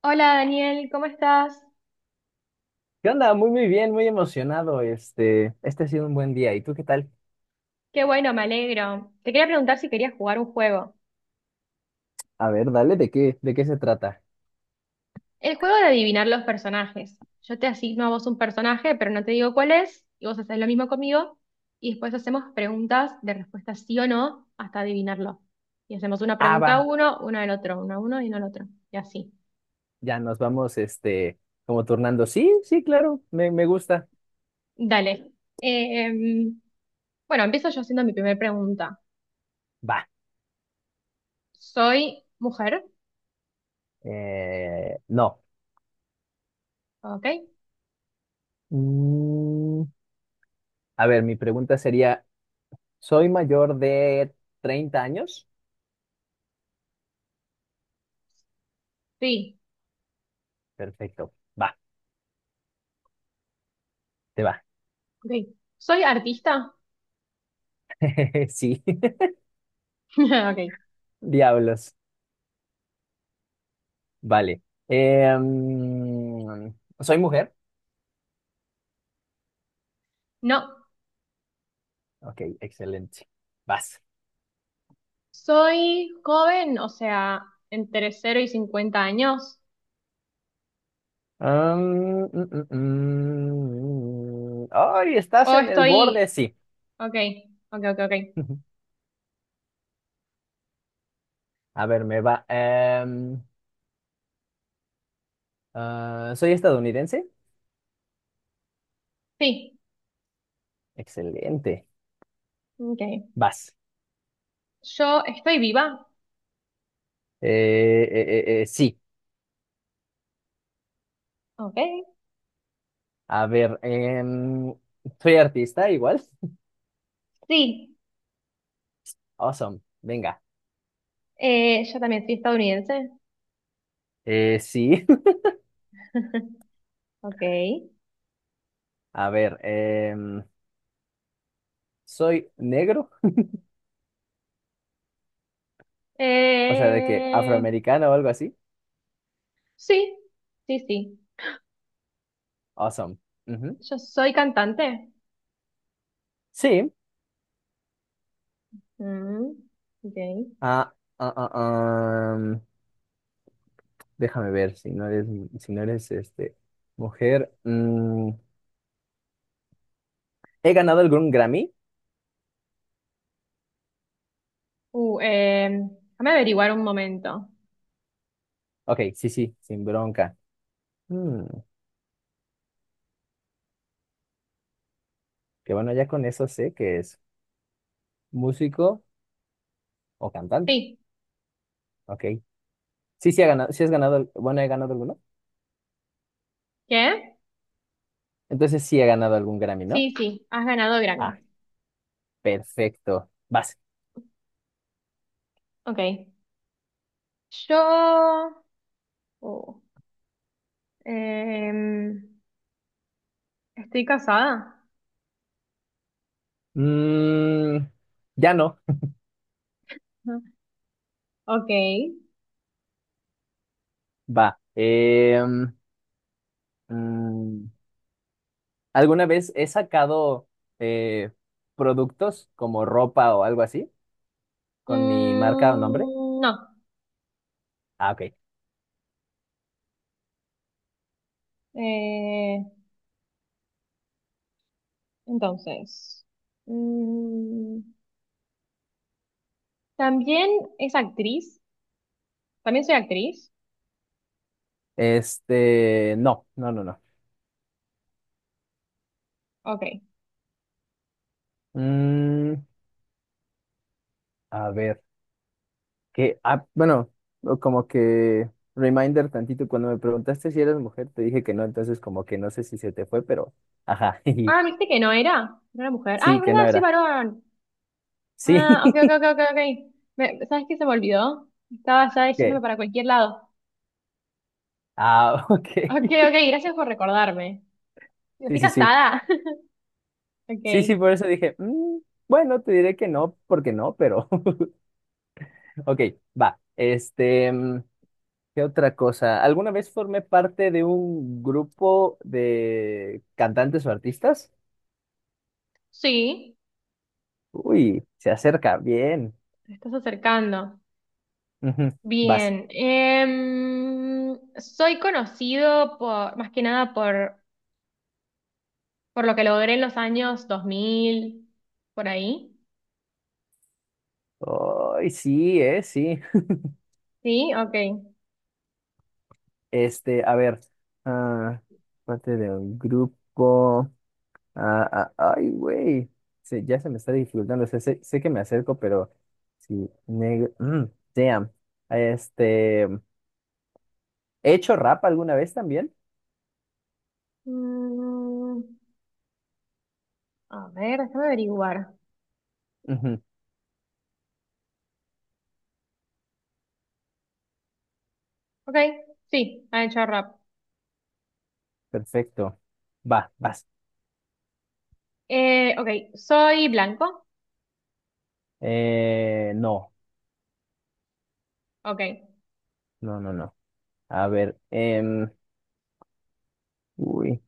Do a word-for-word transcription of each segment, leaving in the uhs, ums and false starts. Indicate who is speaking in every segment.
Speaker 1: Hola Daniel, ¿cómo estás?
Speaker 2: ¿Qué onda? Muy, muy bien, muy emocionado. Este, este ha sido un buen día. ¿Y tú qué tal?
Speaker 1: Qué bueno, me alegro. Te quería preguntar si querías jugar un juego.
Speaker 2: A ver, dale, ¿de qué, de qué se trata?
Speaker 1: El juego de adivinar los personajes. Yo te asigno a vos un personaje, pero no te digo cuál es, y vos haces lo mismo conmigo, y después hacemos preguntas de respuesta sí o no hasta adivinarlo. Y hacemos una
Speaker 2: Ah,
Speaker 1: pregunta a
Speaker 2: va,
Speaker 1: uno, una al otro, una a uno y una al otro, y así.
Speaker 2: ya nos vamos, este, como turnando. Sí, sí, claro, me, me gusta.
Speaker 1: Dale. Eh, em, bueno, empiezo yo haciendo mi primera pregunta.
Speaker 2: Va,
Speaker 1: ¿Soy mujer?
Speaker 2: eh, no.
Speaker 1: ¿Ok?
Speaker 2: Mm, a ver, mi pregunta sería, ¿soy mayor de treinta años?
Speaker 1: Sí.
Speaker 2: Perfecto, va, te va.
Speaker 1: Ok. ¿Soy artista?
Speaker 2: Sí,
Speaker 1: Ok.
Speaker 2: diablos, vale. Em, ¿soy mujer?
Speaker 1: No.
Speaker 2: Ok, excelente. Vas.
Speaker 1: Soy joven, o sea, entre cero y cincuenta años.
Speaker 2: Am, mm, mm, mm. Ay, estás
Speaker 1: O
Speaker 2: en el
Speaker 1: estoy.
Speaker 2: borde, sí.
Speaker 1: Ok, ok, ok, ok.
Speaker 2: A ver, me va. em, ah, ¿soy estadounidense?
Speaker 1: Sí,
Speaker 2: Excelente.
Speaker 1: ok.
Speaker 2: Vas.
Speaker 1: Yo estoy viva.
Speaker 2: Eh, eh, eh, eh, sí.
Speaker 1: Ok.
Speaker 2: A ver, em, ¿soy artista igual?
Speaker 1: Sí,
Speaker 2: Awesome. Venga.
Speaker 1: eh, yo también soy estadounidense.
Speaker 2: Eh, sí.
Speaker 1: Ok.
Speaker 2: A ver, em, ¿soy negro? O sea, de que
Speaker 1: Eh,
Speaker 2: afroamericano o algo así.
Speaker 1: sí, sí, sí.
Speaker 2: Awesome. Ujú.
Speaker 1: Yo soy cantante.
Speaker 2: Sí.
Speaker 1: Mm, ok.
Speaker 2: Ah, ah, ah, ah. Déjame ver si no eres, si no eres este, mujer. mm, ¿he ganado algún Grammy?
Speaker 1: Uh, eh, déjame averiguar un momento.
Speaker 2: Ok, sí, sí, sin bronca. Mm, que bueno, ya con eso sé que es músico o cantante.
Speaker 1: Sí.
Speaker 2: Ok. Sí, sí, ha ganado, sí has ganado, al- bueno, he ganado alguno.
Speaker 1: ¿Qué?
Speaker 2: Entonces sí he ganado algún Grammy, ¿no?
Speaker 1: Sí, sí, has ganado
Speaker 2: Ah,
Speaker 1: Grammy.
Speaker 2: perfecto. Vas.
Speaker 1: Ok. Yo. Oh. Em, ¿estoy casada?
Speaker 2: Mm, ya no.
Speaker 1: Ujú. Ok.
Speaker 2: Va. Em, mm, ¿alguna vez he sacado eh, productos como ropa o algo así? Con mi marca o nombre.
Speaker 1: Mm, no.
Speaker 2: Ah, ok.
Speaker 1: Eh, entonces. Mm, ¿también es actriz? ¿También soy actriz?
Speaker 2: Este, no, no, no, no.
Speaker 1: Ok.
Speaker 2: Mm, a ver, que, ah, bueno, o como que reminder tantito, cuando me preguntaste si eras mujer, te dije que no, entonces como que no sé si se te fue, pero, ajá,
Speaker 1: Ah,
Speaker 2: y
Speaker 1: me dijiste que no era. No era mujer. Ah, es
Speaker 2: sí, que no
Speaker 1: verdad, soy
Speaker 2: era.
Speaker 1: varón.
Speaker 2: Sí,
Speaker 1: Ah, ok, ok, ok, ok, ok. Me- ¿sabes qué se me olvidó? Estaba ya yéndome
Speaker 2: que,
Speaker 1: para cualquier lado.
Speaker 2: ah, ok.
Speaker 1: Ok, ok, gracias por recordarme.
Speaker 2: Sí,
Speaker 1: ¿Estoy
Speaker 2: sí, sí.
Speaker 1: casada? Ok.
Speaker 2: Sí, sí, por eso dije, mm, bueno, te diré que no, porque no, pero, ok, va. Este, mm, ¿qué otra cosa? ¿Alguna vez formé parte de un grupo de cantantes o artistas?
Speaker 1: Sí,
Speaker 2: Uy, se acerca, bien.
Speaker 1: te estás acercando.
Speaker 2: Ujú. Vas.
Speaker 1: Bien, em, soy conocido por, más que nada por, por lo que logré en los años dos mil por ahí.
Speaker 2: Ay, sí, eh, sí.
Speaker 1: Sí, ok.
Speaker 2: Este, a ver. ah, parte de un grupo. Ah, ah, ay, güey. Se- ya se me está dificultando. O sea, sé, sé que me acerco, pero sí. Negro. mm, damn. Este. ¿He hecho rap alguna vez también?
Speaker 1: Mm, a ver, déjame averiguar.
Speaker 2: Ujú.
Speaker 1: Ok, sí, ha hecho rap.
Speaker 2: Perfecto. Va, vas.
Speaker 1: Eh, ok, soy blanco.
Speaker 2: Eh, no,
Speaker 1: Ok,
Speaker 2: no, no, no. A ver, em, uy,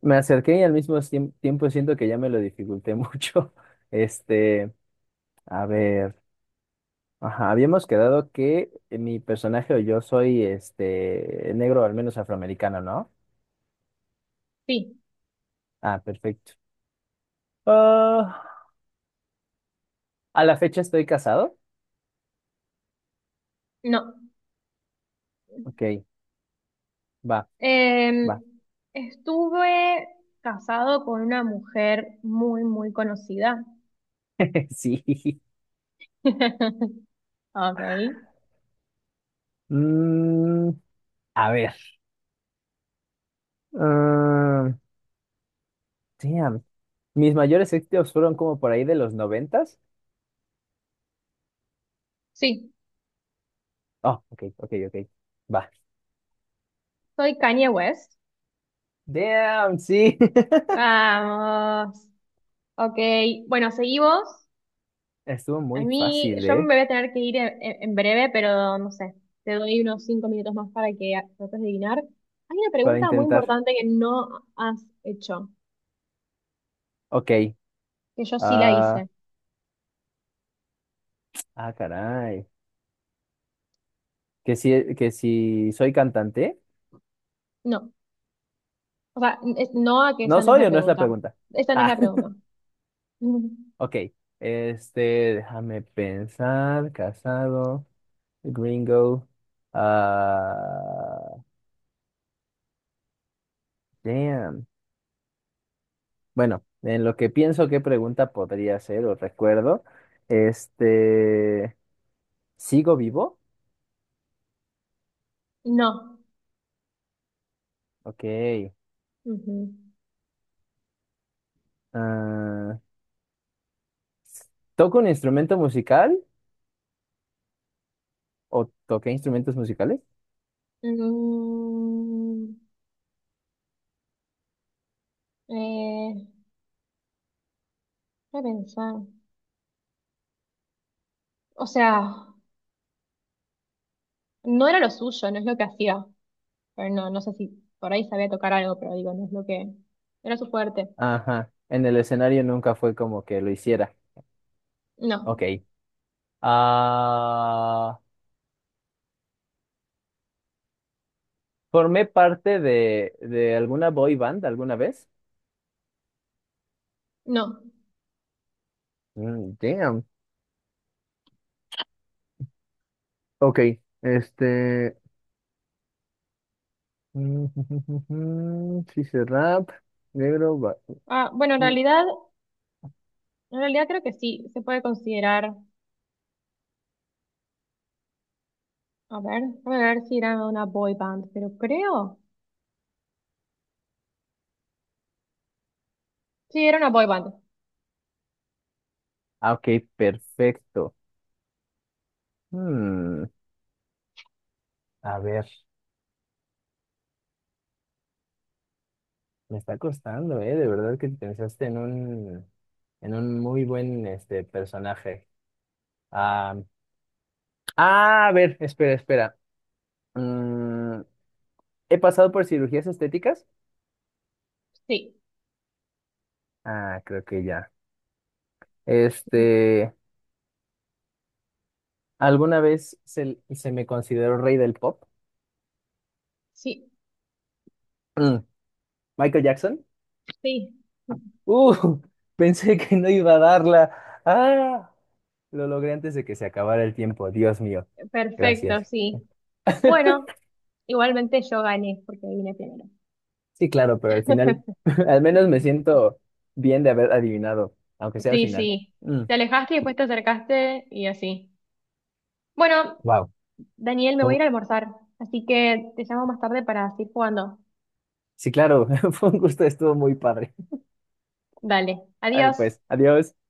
Speaker 2: me acerqué y al mismo tiemp- tiempo siento que ya me lo dificulté mucho. Este, a ver, ajá, habíamos quedado que eh, mi personaje o yo soy este negro, al menos afroamericano, ¿no?
Speaker 1: sí,
Speaker 2: Ah, perfecto. Ah, a la fecha estoy casado.
Speaker 1: no.
Speaker 2: Ok, va,
Speaker 1: Em,
Speaker 2: va.
Speaker 1: estuve casado con una mujer muy, muy conocida.
Speaker 2: Sí.
Speaker 1: Ok,
Speaker 2: Mm, a ver. ah, damn. Mis mayores éxitos fueron como por ahí de los noventas.
Speaker 1: sí,
Speaker 2: Oh, ok, ok, ok. Va.
Speaker 1: soy Kanye West.
Speaker 2: Damn, sí.
Speaker 1: Vamos. Ok. Bueno, seguí vos.
Speaker 2: Estuvo
Speaker 1: A
Speaker 2: muy
Speaker 1: mí,
Speaker 2: fácil,
Speaker 1: yo me
Speaker 2: ¿eh?
Speaker 1: voy a tener que ir en, en breve, pero no sé. Te doy unos cinco minutos más para que a- trates de adivinar. Hay una
Speaker 2: Para
Speaker 1: pregunta muy
Speaker 2: intentar.
Speaker 1: importante que no has hecho,
Speaker 2: Ok.
Speaker 1: que yo sí la
Speaker 2: Ah,
Speaker 1: hice.
Speaker 2: ah, caray. ¿Que si, que si soy cantante?
Speaker 1: No. O sea, es- no a que
Speaker 2: ¿No
Speaker 1: esa no es la
Speaker 2: soy o no es la
Speaker 1: pregunta.
Speaker 2: pregunta?
Speaker 1: Esa no es la
Speaker 2: Ah,
Speaker 1: pregunta. Ujú.
Speaker 2: ok. Este, déjame pensar. Casado, gringo. Ah, damn. Bueno, en lo que pienso qué pregunta podría ser o recuerdo. Este, ¿sigo vivo?
Speaker 1: No.
Speaker 2: Ok.
Speaker 1: Ujú.
Speaker 2: Ah, ¿toca un instrumento musical o toqué instrumentos musicales?
Speaker 1: Mm, eh, voy a pensar. O sea, no era lo suyo, no es lo que hacía. Pero no, no sé si por ahí sabía tocar algo, pero digo, no es lo que era su fuerte.
Speaker 2: Ajá, en el escenario nunca fue como que lo hiciera.
Speaker 1: No,
Speaker 2: Ok. Ah, ¿formé parte de, de alguna boy band alguna vez?
Speaker 1: no.
Speaker 2: Mm, damn. Ok, este... mm, sí, se rap, negro... ba-
Speaker 1: Ah, bueno, en
Speaker 2: Mm,
Speaker 1: realidad, en realidad creo que sí, se puede considerar, a ver, déjame ver si era una boy band, pero creo, sí, era una boy band,
Speaker 2: ah, ok, perfecto. Hmm, a ver. Me está costando, ¿eh? De verdad que pensaste en un, en un muy buen este, personaje. Ah, ah, a ver, espera, espera. Mm, ¿he pasado por cirugías estéticas?
Speaker 1: sí,
Speaker 2: Ah, creo que ya. Este, ¿alguna vez se, se me consideró rey del pop?
Speaker 1: sí,
Speaker 2: Mm, ¿Michael Jackson?
Speaker 1: sí,
Speaker 2: Uh, pensé que no iba a darla. Ah, lo logré antes de que se acabara el tiempo. Dios mío.
Speaker 1: perfecto,
Speaker 2: Gracias.
Speaker 1: sí. Bueno, igualmente yo gané porque vine primero.
Speaker 2: Sí, claro, pero al final, al menos me siento bien de haber adivinado, aunque sea al
Speaker 1: Sí,
Speaker 2: final.
Speaker 1: sí, te alejaste y después te acercaste y así. Bueno,
Speaker 2: Wow.
Speaker 1: Daniel, me voy a ir a almorzar, así que te llamo más tarde para seguir jugando.
Speaker 2: Sí, claro, fue un gusto, estuvo muy padre.
Speaker 1: Dale,
Speaker 2: Vale,
Speaker 1: adiós.
Speaker 2: pues, adiós.